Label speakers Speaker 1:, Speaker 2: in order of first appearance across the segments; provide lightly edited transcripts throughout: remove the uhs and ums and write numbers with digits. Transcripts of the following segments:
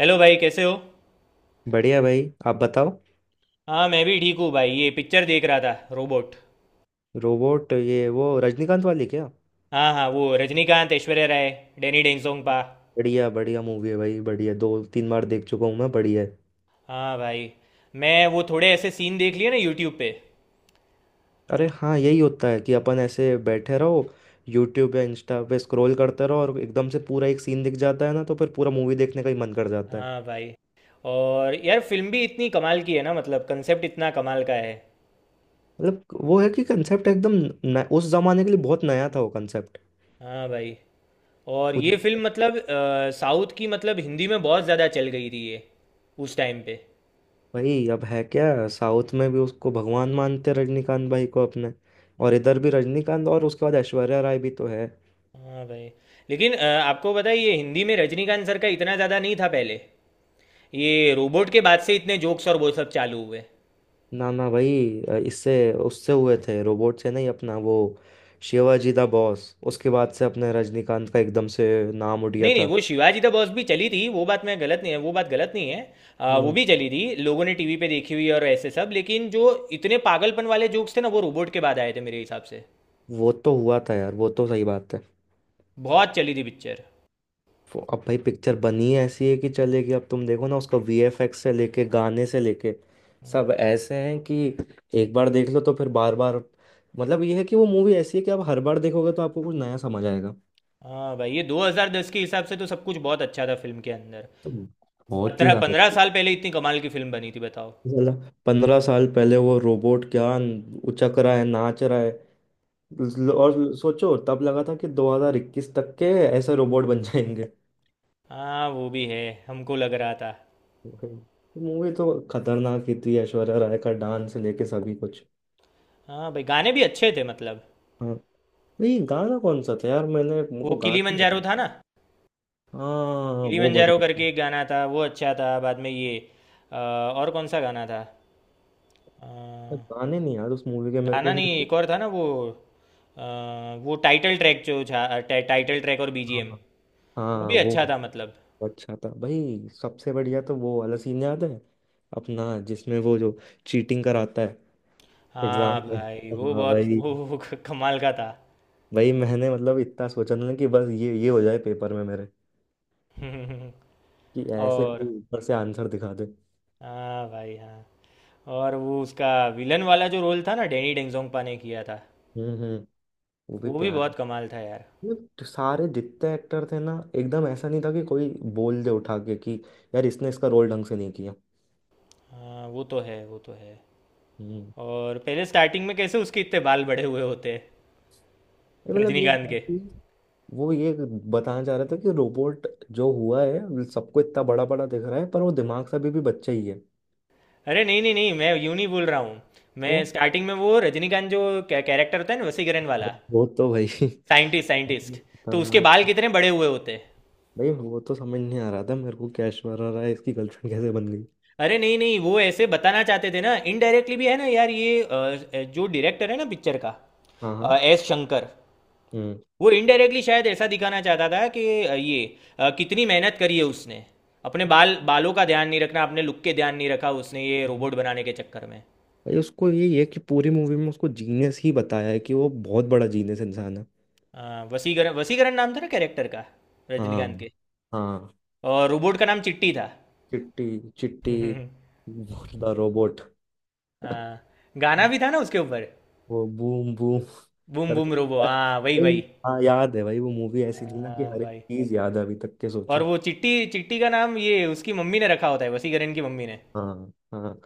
Speaker 1: Hello भाई, कैसे हो।
Speaker 2: बढ़िया भाई। आप बताओ।
Speaker 1: हाँ, मैं भी ठीक हूँ भाई। ये पिक्चर देख रहा था, रोबोट।
Speaker 2: रोबोट? ये वो रजनीकांत वाली क्या?
Speaker 1: हाँ हाँ, वो रजनीकांत, ऐश्वर्या राय, डैनी डेंगसोंगपा।
Speaker 2: बढ़िया बढ़िया मूवी है भाई। बढ़िया दो तीन बार देख चुका हूँ मैं। बढ़िया है।
Speaker 1: हाँ भाई, मैं वो थोड़े ऐसे सीन देख लिए ना यूट्यूब पे।
Speaker 2: अरे हाँ, यही होता है कि अपन ऐसे बैठे रहो, यूट्यूब या इंस्टा पे स्क्रॉल करते रहो और एकदम से पूरा एक सीन दिख जाता है ना, तो फिर पूरा मूवी देखने का ही मन कर जाता है।
Speaker 1: हाँ भाई, और यार फिल्म भी इतनी कमाल की है ना, मतलब कंसेप्ट इतना कमाल का है।
Speaker 2: मतलब वो है कि कंसेप्ट एकदम न, उस जमाने के लिए बहुत नया था वो कंसेप्ट।
Speaker 1: हाँ भाई, और
Speaker 2: कुछ।
Speaker 1: ये फिल्म मतलब साउथ की, मतलब हिंदी में बहुत ज़्यादा चल गई थी ये उस टाइम पे।
Speaker 2: भाई अब है क्या, साउथ में भी उसको भगवान मानते हैं रजनीकांत भाई को अपने, और इधर भी रजनीकांत और उसके बाद ऐश्वर्या राय भी तो है।
Speaker 1: हाँ भाई, लेकिन आपको पता है ये हिंदी में रजनीकांत सर का इतना ज़्यादा नहीं था पहले। ये रोबोट के बाद से इतने जोक्स और वो सब चालू हुए।
Speaker 2: ना ना भाई, इससे उससे हुए थे, रोबोट से नहीं। अपना वो शिवाजी द बॉस, उसके बाद से अपने रजनीकांत का एकदम से नाम उठ गया
Speaker 1: नहीं नहीं,
Speaker 2: था।
Speaker 1: वो शिवाजी द बॉस भी चली थी। वो बात मैं गलत नहीं है, वो बात गलत नहीं है। वो
Speaker 2: हम्म।
Speaker 1: भी चली थी, लोगों ने टीवी पे देखी हुई और ऐसे सब, लेकिन जो इतने पागलपन वाले जोक्स थे ना वो रोबोट के बाद आए थे मेरे हिसाब से।
Speaker 2: वो तो हुआ था यार, वो तो सही बात है।
Speaker 1: बहुत चली थी पिक्चर।
Speaker 2: अब भाई पिक्चर बनी है ऐसी है कि चलेगी। अब तुम देखो ना, उसका वीएफएक्स से लेके गाने से लेके सब ऐसे हैं कि एक बार देख लो तो फिर बार बार। मतलब ये है कि वो मूवी ऐसी है कि आप हर बार देखोगे तो आपको कुछ नया समझ आएगा।
Speaker 1: हाँ भाई, ये 2010 के हिसाब से तो सब कुछ बहुत अच्छा था फिल्म के अंदर।
Speaker 2: तो बहुत ही
Speaker 1: पंद्रह
Speaker 2: ज्यादा।
Speaker 1: पंद्रह साल पहले इतनी कमाल की फिल्म बनी थी, बताओ।
Speaker 2: साला 15 साल पहले वो रोबोट क्या उचक रहा है, नाच रहा है। और सोचो, तब लगा था कि 2021 तक के ऐसे रोबोट बन जाएंगे।
Speaker 1: हाँ, वो भी है, हमको लग रहा था।
Speaker 2: मूवी तो खतरनाक ही थी, ऐश्वर्या राय का डांस लेके सभी कुछ।
Speaker 1: हाँ भाई, गाने भी अच्छे थे मतलब।
Speaker 2: हाँ। ये गाना कौन सा था यार, मैंने
Speaker 1: वो
Speaker 2: मुझको गाना नहीं
Speaker 1: किलीमंजारो
Speaker 2: याद।
Speaker 1: था ना।
Speaker 2: हाँ वो
Speaker 1: किलिमंजारो
Speaker 2: बढ़िया था।
Speaker 1: करके एक गाना था, वो अच्छा था। बाद में ये और कौन सा गाना था? अ,
Speaker 2: पर गाने नहीं याद उस मूवी के मेरे
Speaker 1: गाना
Speaker 2: को।
Speaker 1: नहीं,
Speaker 2: हाँ।
Speaker 1: एक और था ना वो। वो टाइटल ट्रैक जो था, टाइटल ट्रैक और
Speaker 2: हाँ।
Speaker 1: बीजीएम। वो
Speaker 2: हाँ,
Speaker 1: भी अच्छा
Speaker 2: वो
Speaker 1: था मतलब।
Speaker 2: अच्छा था भाई। सबसे बढ़िया तो वो वाला सीन याद है अपना, जिसमें वो जो चीटिंग कराता है एग्जाम
Speaker 1: हाँ
Speaker 2: में।
Speaker 1: भाई, वो
Speaker 2: हाँ
Speaker 1: बहुत
Speaker 2: वही।
Speaker 1: कमाल का था।
Speaker 2: वही मैंने मतलब इतना सोचा ना कि बस ये हो जाए पेपर में मेरे, कि ऐसे
Speaker 1: और
Speaker 2: कोई ऊपर से आंसर दिखा दे।
Speaker 1: हाँ भाई, हाँ। और वो उसका विलन वाला जो रोल था ना, डेनी डेंगजोंगपा ने किया था।
Speaker 2: हम्म। वो भी
Speaker 1: वो भी
Speaker 2: प्यार।
Speaker 1: बहुत कमाल था यार।
Speaker 2: ये तो सारे जितने एक्टर थे ना, एकदम ऐसा नहीं था कि कोई बोल दे उठा के कि यार इसने इसका रोल ढंग से नहीं किया।
Speaker 1: हाँ, वो तो है, वो तो है।
Speaker 2: हम्म।
Speaker 1: और पहले स्टार्टिंग में कैसे उसके इतने बाल बड़े हुए होते हैं।
Speaker 2: ये मतलब ये
Speaker 1: रजनीकांत
Speaker 2: था
Speaker 1: के।
Speaker 2: कि वो ये बताना चाह रहे थे कि रोबोट जो हुआ है सबको इतना बड़ा बड़ा दिख रहा है, पर वो दिमाग से अभी भी बच्चा ही है।
Speaker 1: अरे नहीं नहीं नहीं, मैं यूं नहीं बोल रहा हूँ। मैं
Speaker 2: तो
Speaker 1: स्टार्टिंग में वो रजनीकांत जो कैरेक्टर होता है ना, वसीकरण वाला।
Speaker 2: वो तो भाई
Speaker 1: साइंटिस्ट साइंटिस्ट तो उसके
Speaker 2: खतरनाक।
Speaker 1: बाल कितने बड़े हुए होते हैं।
Speaker 2: भाई वो तो समझ नहीं आ रहा था मेरे को, क्या ऐश्वर्या राय इसकी गर्लफ्रेंड कैसे बन गई।
Speaker 1: अरे नहीं नहीं, वो ऐसे बताना चाहते थे ना, इनडायरेक्टली भी है ना यार, ये जो डायरेक्टर है ना पिक्चर का,
Speaker 2: हाँ हाँ।
Speaker 1: एस शंकर।
Speaker 2: हम्म।
Speaker 1: वो इनडायरेक्टली शायद ऐसा दिखाना चाहता था कि ये कितनी मेहनत करी है उसने। अपने बालों का ध्यान नहीं रखना, अपने लुक के ध्यान नहीं रखा उसने, ये रोबोट बनाने के चक्कर में।
Speaker 2: भाई उसको यही है कि पूरी मूवी में उसको जीनियस ही बताया है कि वो बहुत बड़ा जीनियस इंसान है।
Speaker 1: वसीकरण वसीकरण नाम था ना कैरेक्टर का,
Speaker 2: हाँ।
Speaker 1: रजनीकांत के।
Speaker 2: हाँ।
Speaker 1: और रोबोट का नाम चिट्टी था।
Speaker 2: चिट्टी। चिट्टी द रोबोट।
Speaker 1: हाँ, गाना भी था ना उसके ऊपर।
Speaker 2: वो बूम बूम
Speaker 1: बूम बूम
Speaker 2: करके
Speaker 1: रोबो, हाँ वही
Speaker 2: भाई,
Speaker 1: वही।
Speaker 2: हाँ याद है भाई। वो मूवी ऐसी थी ना कि
Speaker 1: हाँ
Speaker 2: हर एक
Speaker 1: भाई,
Speaker 2: चीज याद है अभी तक के,
Speaker 1: और
Speaker 2: सोचो।
Speaker 1: वो चिट्टी चिट्टी का नाम ये उसकी मम्मी ने रखा होता है, वसीकरण की मम्मी ने।
Speaker 2: हाँ। हाँ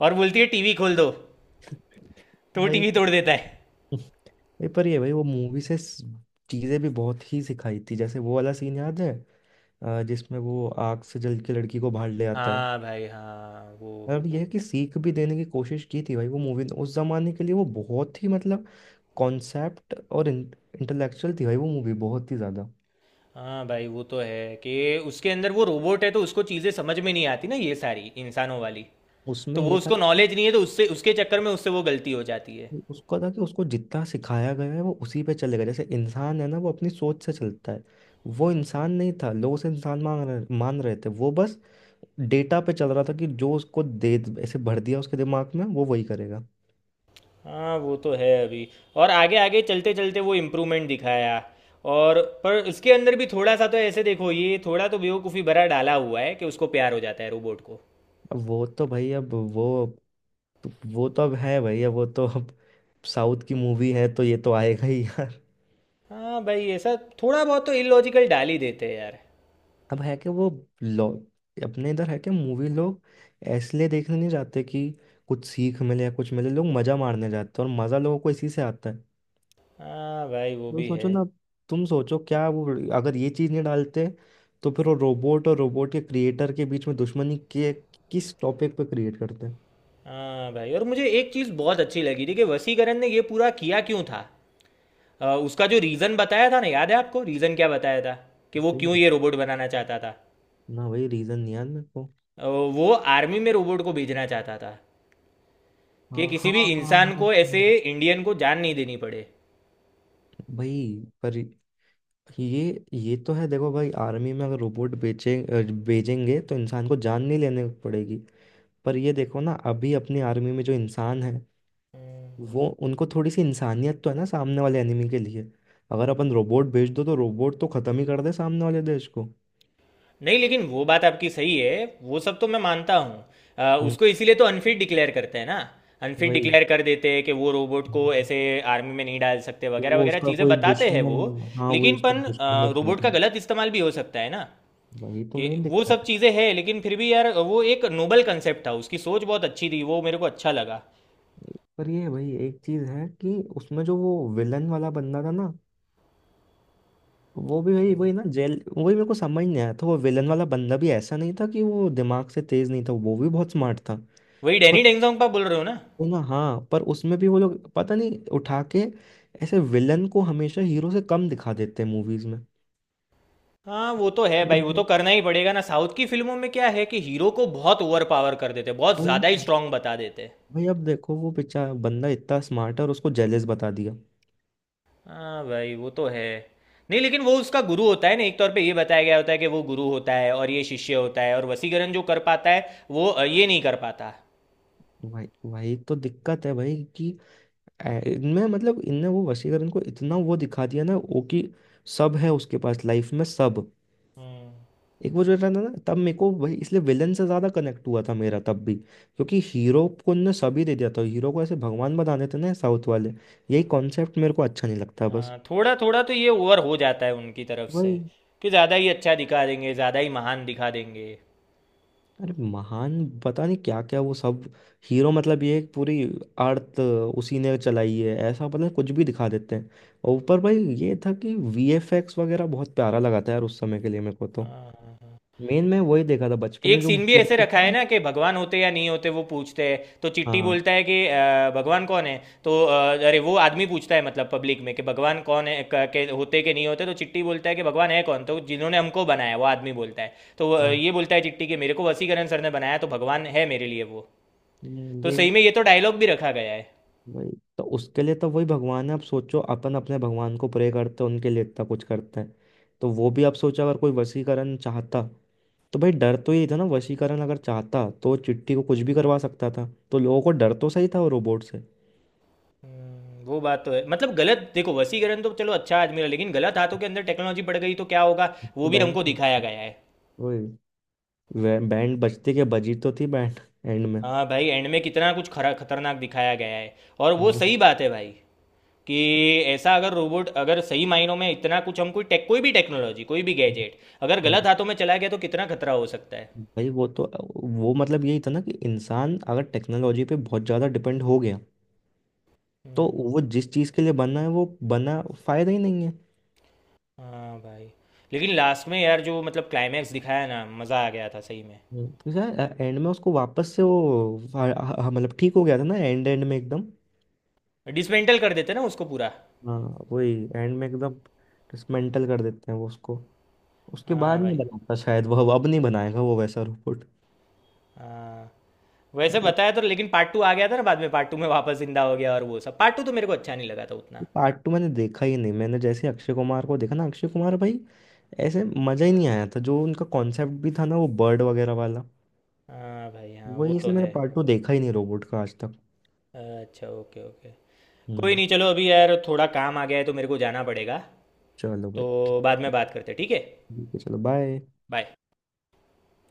Speaker 1: और बोलती है टीवी खोल दो, तो वो
Speaker 2: भाई।
Speaker 1: टीवी तोड़ देता है।
Speaker 2: ये पर ये भाई वो मूवी से चीजें भी बहुत ही सिखाई थी। जैसे वो वाला सीन याद है, जिसमें वो आग से जल के लड़की को बाहर ले आता है।
Speaker 1: हाँ भाई, हाँ वो।
Speaker 2: मतलब यह है कि सीख भी देने की कोशिश की थी भाई वो मूवी ने। उस जमाने के लिए वो बहुत ही मतलब कॉन्सेप्ट और इंटेलेक्चुअल थी भाई वो मूवी, बहुत ही ज्यादा।
Speaker 1: हाँ भाई, वो तो है कि उसके अंदर वो रोबोट है तो उसको चीज़ें समझ में नहीं आती ना, ये सारी इंसानों वाली। तो
Speaker 2: उसमें ये
Speaker 1: वो उसको नॉलेज नहीं है, तो उससे उसके चक्कर में उससे वो गलती हो जाती है।
Speaker 2: था कि उसको जितना सिखाया गया है वो उसी पे चलेगा। जैसे इंसान है ना, वो अपनी सोच से चलता है। वो इंसान नहीं था, लोग उसे इंसान मान रहे थे। वो बस डेटा पे चल रहा था कि जो उसको दे, ऐसे भर दिया उसके दिमाग में वो वही करेगा।
Speaker 1: हाँ, वो तो है अभी। और आगे आगे चलते चलते वो इम्प्रूवमेंट दिखाया। और पर उसके अंदर भी थोड़ा सा तो ऐसे देखो, ये थोड़ा तो बेवकूफ़ी भरा डाला हुआ है कि उसको प्यार हो जाता है रोबोट को।
Speaker 2: अब वो तो भाई अब वो, तो वो तो अब है भाई, अब वो तो अब साउथ की मूवी है तो ये तो आएगा ही यार।
Speaker 1: हाँ भाई, ऐसा थोड़ा बहुत तो इलॉजिकल डाल ही देते हैं यार।
Speaker 2: अब है कि वो लोग अपने इधर है कि मूवी लोग इसलिए देखने नहीं जाते कि कुछ सीख मिले या कुछ मिले, लोग मजा मारने जाते हैं और मजा लोगों को इसी से आता है।
Speaker 1: हाँ भाई, वो
Speaker 2: तो
Speaker 1: भी है।
Speaker 2: सोचो ना, तुम सोचो क्या वो, अगर ये चीज नहीं डालते तो फिर वो रोबोट और रोबोट के क्रिएटर के बीच में दुश्मनी के किस टॉपिक पे क्रिएट करते।
Speaker 1: हाँ भाई, और मुझे एक चीज़ बहुत अच्छी लगी थी कि वसीकरण ने ये पूरा किया क्यों था। उसका जो रीज़न बताया था ना, याद है आपको रीज़न क्या बताया था? कि वो
Speaker 2: भाई
Speaker 1: क्यों ये रोबोट बनाना चाहता था।
Speaker 2: ना भाई, रीजन नहीं याद मेरे को।
Speaker 1: वो आर्मी में रोबोट को भेजना चाहता था। कि
Speaker 2: हाँ
Speaker 1: किसी
Speaker 2: हाँ
Speaker 1: भी
Speaker 2: हाँ हाँ।
Speaker 1: इंसान को ऐसे,
Speaker 2: हाँ।
Speaker 1: इंडियन को जान नहीं देनी पड़े।
Speaker 2: भाई पर ये तो है। देखो भाई आर्मी में अगर रोबोट भेजेंगे तो इंसान को जान नहीं लेने पड़ेगी। पर ये देखो ना, अभी अपनी आर्मी में जो इंसान है वो उनको थोड़ी सी इंसानियत तो है ना सामने वाले एनिमी के लिए। अगर अपन रोबोट भेज दो तो रोबोट तो खत्म ही कर दे सामने वाले देश को।
Speaker 1: नहीं, लेकिन वो बात आपकी सही है। वो सब तो मैं मानता हूँ।
Speaker 2: हम्म,
Speaker 1: उसको इसीलिए तो अनफिट डिक्लेयर करते हैं ना। अनफिट
Speaker 2: वही।
Speaker 1: डिक्लेयर कर देते हैं कि वो रोबोट को ऐसे आर्मी में नहीं डाल सकते,
Speaker 2: तो
Speaker 1: वगैरह
Speaker 2: वो
Speaker 1: वगैरह
Speaker 2: उसका
Speaker 1: चीज़ें
Speaker 2: कोई
Speaker 1: बताते हैं
Speaker 2: दुश्मन?
Speaker 1: वो।
Speaker 2: हाँ वही,
Speaker 1: लेकिन
Speaker 2: उसका
Speaker 1: पन
Speaker 2: दुश्मन ने किया
Speaker 1: रोबोट का
Speaker 2: था।
Speaker 1: गलत इस्तेमाल भी हो सकता है ना।
Speaker 2: वही तो
Speaker 1: कि
Speaker 2: मेन
Speaker 1: वो सब
Speaker 2: दिक्कत है।
Speaker 1: चीज़ें हैं, लेकिन फिर भी यार वो एक नोबल कंसेप्ट था, उसकी सोच बहुत अच्छी थी, वो मेरे को अच्छा लगा।
Speaker 2: पर ये भाई एक चीज है कि उसमें जो वो विलन वाला बंदा था ना, वो भी भाई वही ना जेल। वही मेरे को समझ नहीं आया था, वो विलन वाला बंदा भी ऐसा नहीं था कि वो दिमाग से तेज नहीं था। वो भी बहुत स्मार्ट था।
Speaker 1: वही डैनी
Speaker 2: पर
Speaker 1: डेंगजोंग का बोल रहे हो ना?
Speaker 2: वो ना, हाँ, पर उसमें भी वो लोग पता नहीं उठा के ऐसे विलन को हमेशा हीरो से कम दिखा देते हैं मूवीज में।
Speaker 1: हाँ, वो तो है भाई, वो तो
Speaker 2: बिल्कुल।
Speaker 1: करना ही पड़ेगा ना। साउथ की फिल्मों में क्या है कि हीरो को बहुत ओवर पावर कर देते, बहुत
Speaker 2: वही
Speaker 1: ज़्यादा ही
Speaker 2: ना।
Speaker 1: स्ट्रांग बता देते।
Speaker 2: भाई अब देखो वो बेचारा बंदा इतना स्मार्ट है और उसको जेलिस बता दिया।
Speaker 1: हाँ भाई, वो तो है। नहीं, लेकिन वो उसका गुरु होता है ना, एक तौर पे ये बताया गया होता है कि वो गुरु होता है और ये शिष्य होता है, और वसीकरण जो कर पाता है वो ये नहीं कर पाता।
Speaker 2: भाई वही तो दिक्कत है भाई कि इनमें मतलब इनने वो वशीकरण इनको इतना वो दिखा दिया ना वो कि सब है उसके पास लाइफ में, सब।
Speaker 1: हम्म।
Speaker 2: एक वो जो रहता ना, तब मेरे को वही इसलिए विलन से ज्यादा कनेक्ट हुआ था मेरा तब भी, क्योंकि हीरो को इनने सभी दे दिया था। हीरो को ऐसे भगवान बना देते ना साउथ वाले। यही कॉन्सेप्ट मेरे को अच्छा नहीं लगता बस।
Speaker 1: हाँ, थोड़ा थोड़ा तो ये ओवर हो जाता है उनकी तरफ से।
Speaker 2: वही।
Speaker 1: कि ज़्यादा ही अच्छा दिखा देंगे, ज़्यादा ही महान दिखा देंगे।
Speaker 2: अरे महान, पता नहीं क्या क्या वो सब। हीरो मतलब ये एक पूरी अर्थ उसी ने चलाई है ऐसा, पता नहीं कुछ भी दिखा देते हैं। और ऊपर भाई ये था कि वीएफएक्स वगैरह बहुत प्यारा लगा था यार, उस समय के लिए मेरे को तो।
Speaker 1: हाँ,
Speaker 2: मेन मैं वही देखा था बचपन में
Speaker 1: एक
Speaker 2: जो
Speaker 1: सीन भी
Speaker 2: movie
Speaker 1: ऐसे
Speaker 2: देखी थी
Speaker 1: रखा है
Speaker 2: ना।
Speaker 1: ना कि भगवान होते या नहीं होते वो पूछते हैं, तो चिट्टी
Speaker 2: हाँ।
Speaker 1: बोलता है कि भगवान कौन है। तो अरे वो आदमी पूछता है, मतलब पब्लिक में कि भगवान कौन है, के होते कि नहीं होते, तो चिट्टी बोलता है कि भगवान है कौन, तो जिन्होंने हमको बनाया, वो आदमी बोलता है, तो
Speaker 2: हाँ।
Speaker 1: ये बोलता है चिट्टी कि मेरे को वसीकरण सर ने बनाया तो भगवान है मेरे लिए वो।
Speaker 2: नहीं,
Speaker 1: तो
Speaker 2: ये,
Speaker 1: सही में ये तो डायलॉग भी रखा गया है।
Speaker 2: वही। तो उसके लिए तो वही भगवान है। आप सोचो अपन अपने भगवान को प्रे करते हैं, उनके लिए इतना कुछ करते हैं। तो वो भी आप सोचो अगर कोई वशीकरण चाहता, तो भाई डर तो यही था ना, वशीकरण अगर चाहता तो वो चिट्ठी को कुछ भी करवा सकता था। तो लोगों को डर तो सही था वो रोबोट से।
Speaker 1: वो बात तो है। मतलब गलत देखो, वसीकरण तो चलो अच्छा आदमी है, लेकिन गलत हाथों के अंदर टेक्नोलॉजी पड़ गई तो क्या होगा, वो
Speaker 2: तो
Speaker 1: भी
Speaker 2: बैंड।
Speaker 1: हमको दिखाया गया है।
Speaker 2: वही। बैंड बजती के बजी तो थी बैंड, एंड में।
Speaker 1: हाँ भाई, एंड में कितना कुछ खरा खतरनाक दिखाया गया है। और वो सही बात है भाई, कि ऐसा अगर रोबोट, अगर सही मायनों में इतना कुछ, हम कोई टेक कोई भी टेक्नोलॉजी, कोई भी गैजेट अगर
Speaker 2: वो,
Speaker 1: गलत हाथों में चला गया तो कितना खतरा हो सकता है।
Speaker 2: भाई वो तो वो मतलब यही था ना कि इंसान अगर टेक्नोलॉजी पे बहुत ज़्यादा डिपेंड हो गया तो
Speaker 1: हम्म,
Speaker 2: वो जिस चीज़ के लिए बना है वो बना फायदा ही नहीं है।
Speaker 1: हाँ भाई, लेकिन लास्ट में यार जो मतलब क्लाइमैक्स दिखाया ना, मज़ा आ गया था सही में।
Speaker 2: तो यार एंड में उसको वापस से वो मतलब ठीक हो गया था ना एंड एंड में एकदम।
Speaker 1: डिसमेंटल कर देते ना उसको पूरा।
Speaker 2: हाँ वही एंड में एकदम डिसमेंटल कर देते हैं वो उसको। उसके
Speaker 1: हाँ
Speaker 2: बाद नहीं
Speaker 1: भाई,
Speaker 2: बनाता शायद, वो अब नहीं बनाएगा वो वैसा रोबोट।
Speaker 1: हाँ। वैसे बताया तो, लेकिन पार्ट टू आ गया था ना बाद में, पार्ट टू में वापस जिंदा हो गया और वो सब। पार्ट टू तो मेरे को अच्छा नहीं लगा था उतना।
Speaker 2: पार्ट टू मैंने देखा ही नहीं। मैंने जैसे अक्षय कुमार को देखा ना, अक्षय कुमार भाई ऐसे मज़ा ही नहीं आया था। जो उनका कॉन्सेप्ट भी था ना वो बर्ड वगैरह वाला,
Speaker 1: हाँ भाई, हाँ वो
Speaker 2: वही
Speaker 1: तो
Speaker 2: इसलिए मैंने
Speaker 1: है।
Speaker 2: पार्ट टू देखा ही नहीं रोबोट का आज तक।
Speaker 1: अच्छा, ओके ओके। कोई
Speaker 2: हम्म।
Speaker 1: नहीं, चलो अभी यार थोड़ा काम आ गया है तो मेरे को जाना पड़ेगा।
Speaker 2: चलो
Speaker 1: तो
Speaker 2: भाई।
Speaker 1: बाद में बात करते हैं, ठीक है।
Speaker 2: ठीक है चलो बाय।
Speaker 1: बाय।